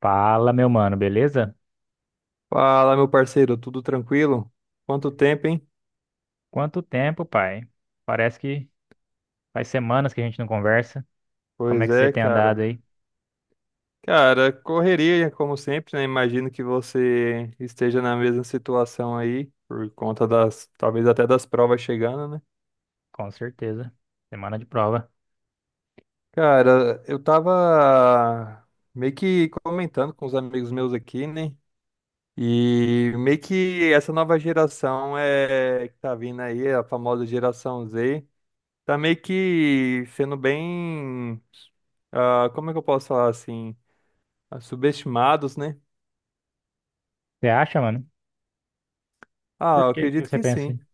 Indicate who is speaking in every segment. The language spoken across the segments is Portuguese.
Speaker 1: Fala, meu mano, beleza?
Speaker 2: Fala, meu parceiro, tudo tranquilo? Quanto tempo, hein?
Speaker 1: Quanto tempo, pai? Parece que faz semanas que a gente não conversa. Como é
Speaker 2: Pois
Speaker 1: que você
Speaker 2: é,
Speaker 1: tem andado
Speaker 2: cara.
Speaker 1: aí?
Speaker 2: Cara, correria, como sempre, né? Imagino que você esteja na mesma situação aí, por conta das, talvez até das provas chegando, né?
Speaker 1: Com certeza. Semana de prova.
Speaker 2: Cara, eu tava meio que comentando com os amigos meus aqui, né? E meio que essa nova geração é que tá vindo aí, a famosa geração Z, tá meio que sendo bem, como é que eu posso falar assim? Subestimados, né?
Speaker 1: Você acha, mano? Por
Speaker 2: Eu
Speaker 1: que que
Speaker 2: acredito
Speaker 1: você
Speaker 2: que
Speaker 1: pensa?
Speaker 2: sim.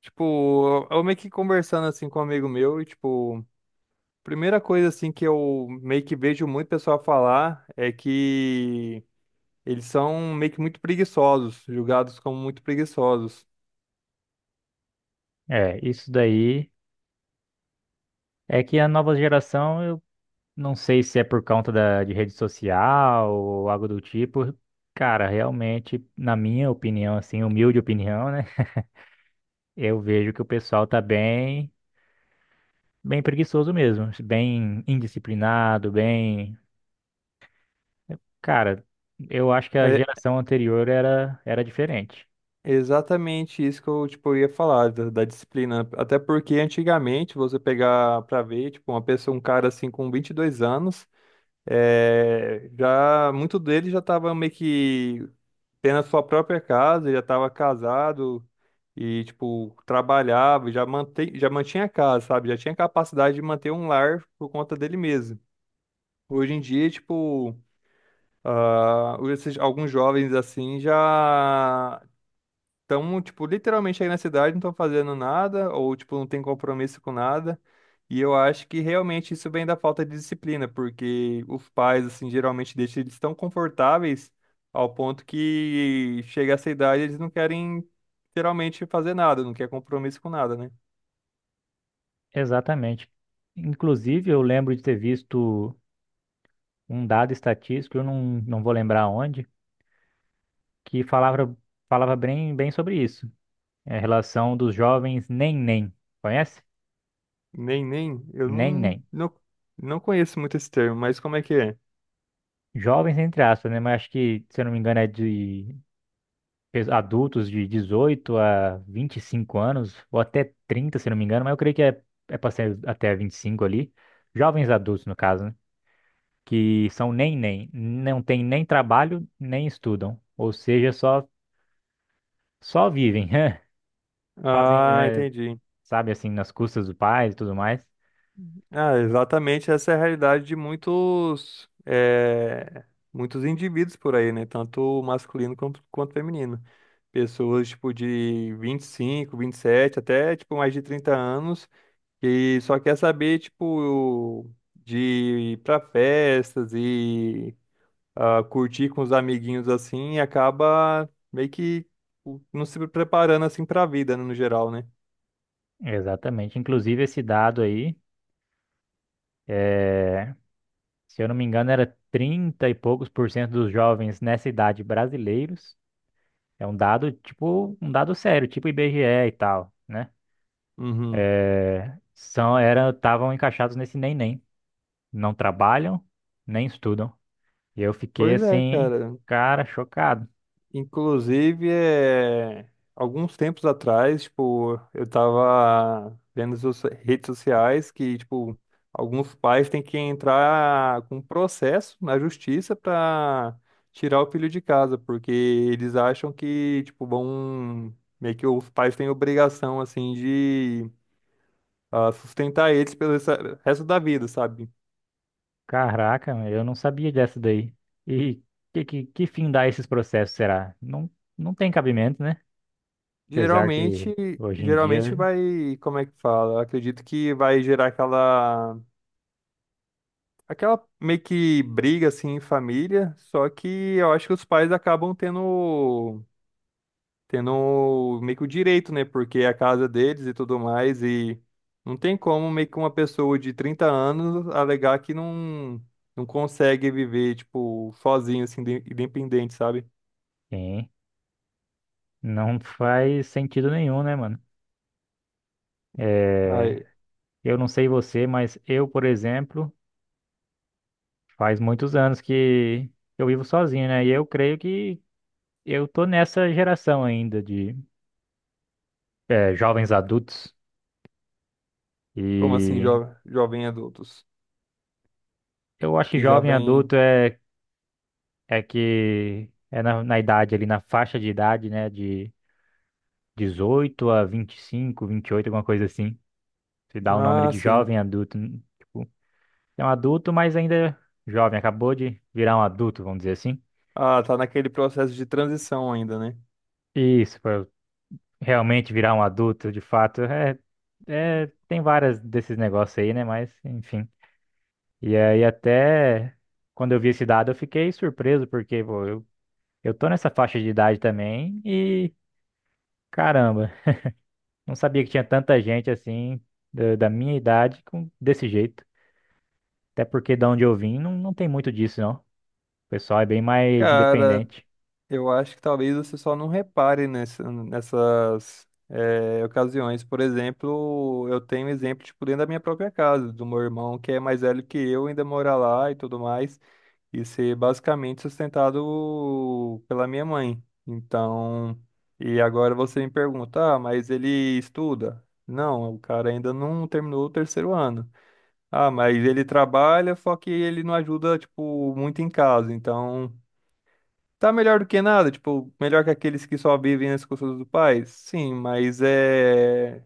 Speaker 2: Tipo, eu meio que conversando assim com um amigo meu e tipo, primeira coisa assim que eu meio que vejo muito pessoal falar é que eles são meio que muito preguiçosos, julgados como muito preguiçosos.
Speaker 1: Assim? É, isso daí é que a nova geração, eu não sei se é por conta de rede social ou algo do tipo. Cara, realmente, na minha opinião, assim, humilde opinião, né? Eu vejo que o pessoal tá bem, bem preguiçoso mesmo, bem indisciplinado, bem. Cara, eu acho que a
Speaker 2: É
Speaker 1: geração anterior era diferente.
Speaker 2: exatamente isso que eu tipo eu ia falar da disciplina, até porque antigamente você pegar pra ver, tipo, uma pessoa, um cara assim com 22 anos, já muito dele já tava meio que tendo a sua própria casa, ele já estava casado e, tipo, trabalhava, já mantinha a casa, sabe? Já tinha capacidade de manter um lar por conta dele mesmo. Hoje em dia, tipo, esses, alguns jovens assim já estão, tipo, literalmente aí na cidade, não estão fazendo nada, ou, tipo, não tem compromisso com nada. E eu acho que realmente isso vem da falta de disciplina, porque os pais, assim, geralmente deixam eles tão confortáveis ao ponto que chega essa idade eles não querem, geralmente, fazer nada, não quer compromisso com nada, né?
Speaker 1: Exatamente. Inclusive, eu lembro de ter visto um dado estatístico, eu não vou lembrar onde, que falava bem sobre isso. É, a relação dos jovens nem-nem. Conhece?
Speaker 2: Nem, nem, eu não,
Speaker 1: Nem-nem.
Speaker 2: não, não conheço muito esse termo, mas como é que é?
Speaker 1: Jovens, entre aspas, né? Mas acho que, se eu não me engano, é de adultos de 18 a 25 anos, ou até 30, se eu não me engano, mas eu creio que é, é para ser até 25 ali. Jovens adultos, no caso, né? que são nem nem, não tem nem trabalho, nem estudam, ou seja, só vivem, fazem,
Speaker 2: Ah, entendi.
Speaker 1: sabe assim, nas custas do pai e tudo mais.
Speaker 2: Ah, exatamente, essa é a realidade de muitos, muitos indivíduos por aí, né? Tanto masculino quanto, quanto feminino. Pessoas, tipo, de vinte vinte e cinco vinte e sete até, tipo, mais de 30 anos, que só quer saber, tipo, de ir pra festas e curtir com os amiguinhos, assim, e acaba meio que não se preparando, assim, pra vida, né, no geral, né?
Speaker 1: Exatamente. Inclusive esse dado aí, se eu não me engano, era 30 e poucos por cento dos jovens nessa idade brasileiros. É um dado tipo, um dado sério, tipo IBGE e tal, né?
Speaker 2: Uhum.
Speaker 1: É, são eram estavam encaixados nesse nem nem, não trabalham, nem estudam. E eu fiquei
Speaker 2: Pois é,
Speaker 1: assim,
Speaker 2: cara.
Speaker 1: cara, chocado.
Speaker 2: Inclusive, alguns tempos atrás, tipo, eu tava vendo as redes sociais que, tipo, alguns pais têm que entrar com processo na justiça para tirar o filho de casa, porque eles acham que, tipo, vão... meio que os pais têm obrigação, assim, de sustentar eles pelo resto da vida, sabe?
Speaker 1: Caraca, meu, eu não sabia dessa daí. E que fim dá esses processos, será? Não, não tem cabimento, né? Apesar que
Speaker 2: Geralmente,
Speaker 1: hoje em
Speaker 2: geralmente
Speaker 1: dia
Speaker 2: vai, como é que fala? Eu acredito que vai gerar aquela meio que briga assim em família, só que eu acho que os pais acabam tendo meio que o direito, né? Porque é a casa deles e tudo mais e não tem como meio que uma pessoa de 30 anos alegar que não consegue viver tipo sozinho assim, independente, sabe?
Speaker 1: tem. Não faz sentido nenhum, né, mano? É,
Speaker 2: Aí,
Speaker 1: eu não sei você, mas eu, por exemplo, faz muitos anos que eu vivo sozinho, né? E eu creio que eu tô nessa geração ainda de jovens adultos.
Speaker 2: como assim,
Speaker 1: E
Speaker 2: jo jovem adultos
Speaker 1: eu acho que
Speaker 2: que já
Speaker 1: jovem
Speaker 2: vem.
Speaker 1: adulto é. É que é na idade ali, na faixa de idade, né? De 18 a vinte vinte e cinco vinte e oito alguma coisa assim. Se dá o nome ali
Speaker 2: Ah,
Speaker 1: de
Speaker 2: sim.
Speaker 1: jovem adulto. Tipo, é um adulto, mas ainda jovem. Acabou de virar um adulto, vamos dizer assim.
Speaker 2: Ah, tá naquele processo de transição ainda, né?
Speaker 1: Isso, pra realmente virar um adulto, de fato. É, tem várias desses negócios aí, né? Mas, enfim. E aí até quando eu vi esse dado, eu fiquei surpreso, porque, pô, eu tô nessa faixa de idade também e... Caramba, não sabia que tinha tanta gente assim, da minha idade, com, desse jeito. Até porque da onde eu vim, não tem muito disso, não. O pessoal é bem mais
Speaker 2: Cara,
Speaker 1: independente.
Speaker 2: eu acho que talvez você só não repare nessas ocasiões. Por exemplo, eu tenho um exemplo tipo, dentro da minha própria casa, do meu irmão que é mais velho que eu, ainda mora lá e tudo mais, e ser basicamente sustentado pela minha mãe. Então, e agora você me pergunta, ah, mas ele estuda? Não, o cara ainda não terminou o terceiro ano. Ah, mas ele trabalha, só que ele não ajuda, tipo, muito em casa, então... Tá melhor do que nada, tipo, melhor que aqueles que só vivem nas costas do pai? Sim, mas é.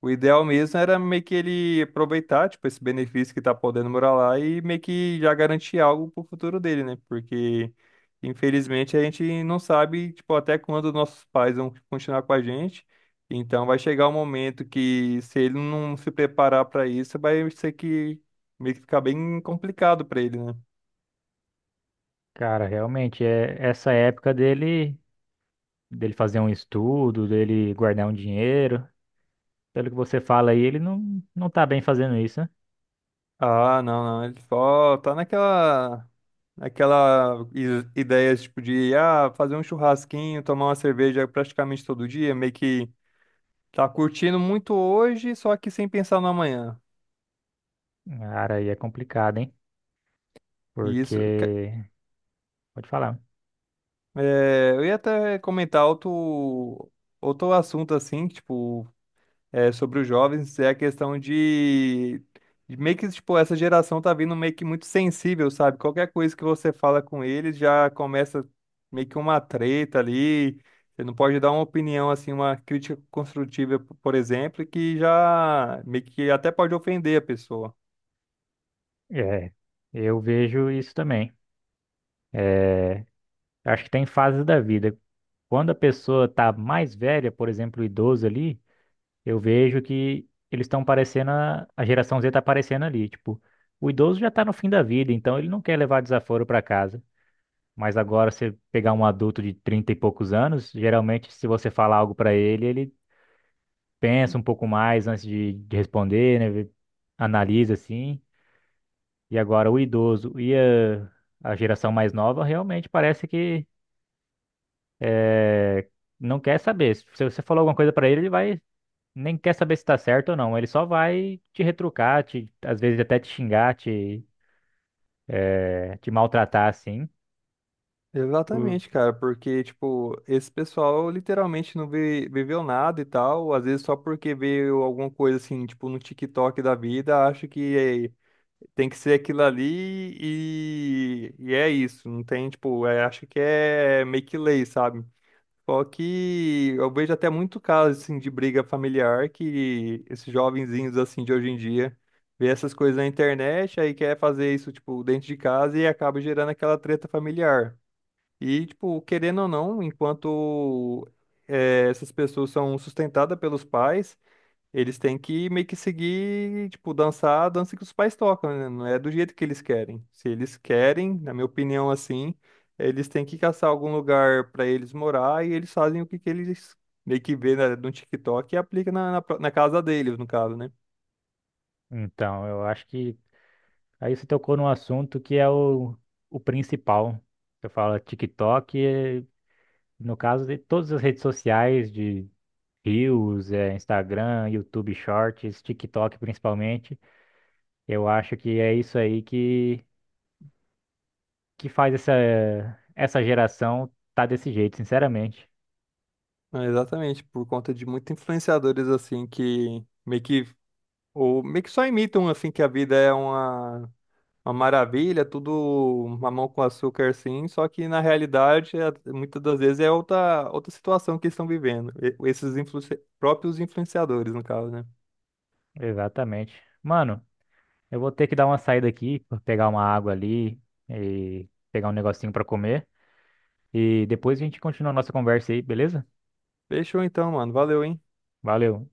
Speaker 2: O ideal mesmo era meio que ele aproveitar, tipo, esse benefício que tá podendo morar lá e meio que já garantir algo pro futuro dele, né? Porque, infelizmente, a gente não sabe, tipo, até quando nossos pais vão continuar com a gente. Então, vai chegar um momento que, se ele não se preparar para isso, vai ser que meio que ficar bem complicado para ele, né?
Speaker 1: Cara, realmente, é essa época dele, dele fazer um estudo, dele guardar um dinheiro. Pelo que você fala aí, ele não tá bem fazendo isso, né?
Speaker 2: Ah, não, não. Ele só tá naquela ideia tipo de fazer um churrasquinho, tomar uma cerveja praticamente todo dia, meio que tá curtindo muito hoje, só que sem pensar no amanhã.
Speaker 1: Cara, aí é complicado, hein?
Speaker 2: E isso.
Speaker 1: Porque, pode falar.
Speaker 2: É, eu ia até comentar outro assunto assim, tipo sobre os jovens é a questão de meio que, tipo, essa geração tá vindo meio que muito sensível, sabe? Qualquer coisa que você fala com eles já começa meio que uma treta ali. Você não pode dar uma opinião, assim, uma crítica construtiva, por exemplo, que já meio que até pode ofender a pessoa.
Speaker 1: É, eu vejo isso também. É, acho que tem fases da vida. Quando a pessoa tá mais velha, por exemplo, o idoso ali, eu vejo que eles estão parecendo, a geração Z tá aparecendo ali, tipo, o idoso já tá no fim da vida, então ele não quer levar desaforo para casa. Mas agora você pegar um adulto de 30 e poucos anos, geralmente se você falar algo para ele, ele pensa um pouco mais antes de responder, né? Ele analisa assim. E agora o idoso e a geração mais nova realmente parece que eh, não quer saber. Se você falou alguma coisa para ele, ele vai nem quer saber se tá certo ou não. Ele só vai te retrucar, te, às vezes até te xingar, te, te maltratar, assim. O-
Speaker 2: Exatamente, cara, porque, tipo, esse pessoal literalmente não viveu nada e tal, às vezes só porque veio alguma coisa assim, tipo, no TikTok da vida, acho que tem que ser aquilo ali e é isso. Não tem, tipo, é, acho que é meio que lei, sabe? Só que eu vejo até muito caso, assim, de briga familiar que esses jovenzinhos, assim, de hoje em dia vê essas coisas na internet, aí quer fazer isso, tipo, dentro de casa e acaba gerando aquela treta familiar. E, tipo, querendo ou não, enquanto essas pessoas são sustentadas pelos pais, eles têm que meio que seguir, tipo, dançar a dança que os pais tocam, né? Não é do jeito que eles querem. Se eles querem, na minha opinião, assim, eles têm que caçar algum lugar pra eles morar e eles fazem o que, que eles meio que vê no TikTok e aplica na na casa deles, no caso, né?
Speaker 1: Então, eu acho que aí você tocou num assunto que é o principal. Eu falo é TikTok, no caso de todas as redes sociais de Reels, Instagram, YouTube Shorts, TikTok principalmente. Eu acho que é isso aí que faz essa, essa geração tá desse jeito, sinceramente.
Speaker 2: É, exatamente, por conta de muitos influenciadores, assim, que meio que, ou meio que só imitam, assim, que a vida é uma. Uma maravilha, tudo mamão com açúcar assim, só que na realidade, muitas das vezes é outra situação que eles estão vivendo, esses próprios influenciadores, no caso, né?
Speaker 1: Exatamente. Mano, eu vou ter que dar uma saída aqui, vou pegar uma água ali e pegar um negocinho pra comer. E depois a gente continua a nossa conversa aí, beleza?
Speaker 2: Fechou então, mano. Valeu, hein?
Speaker 1: Valeu.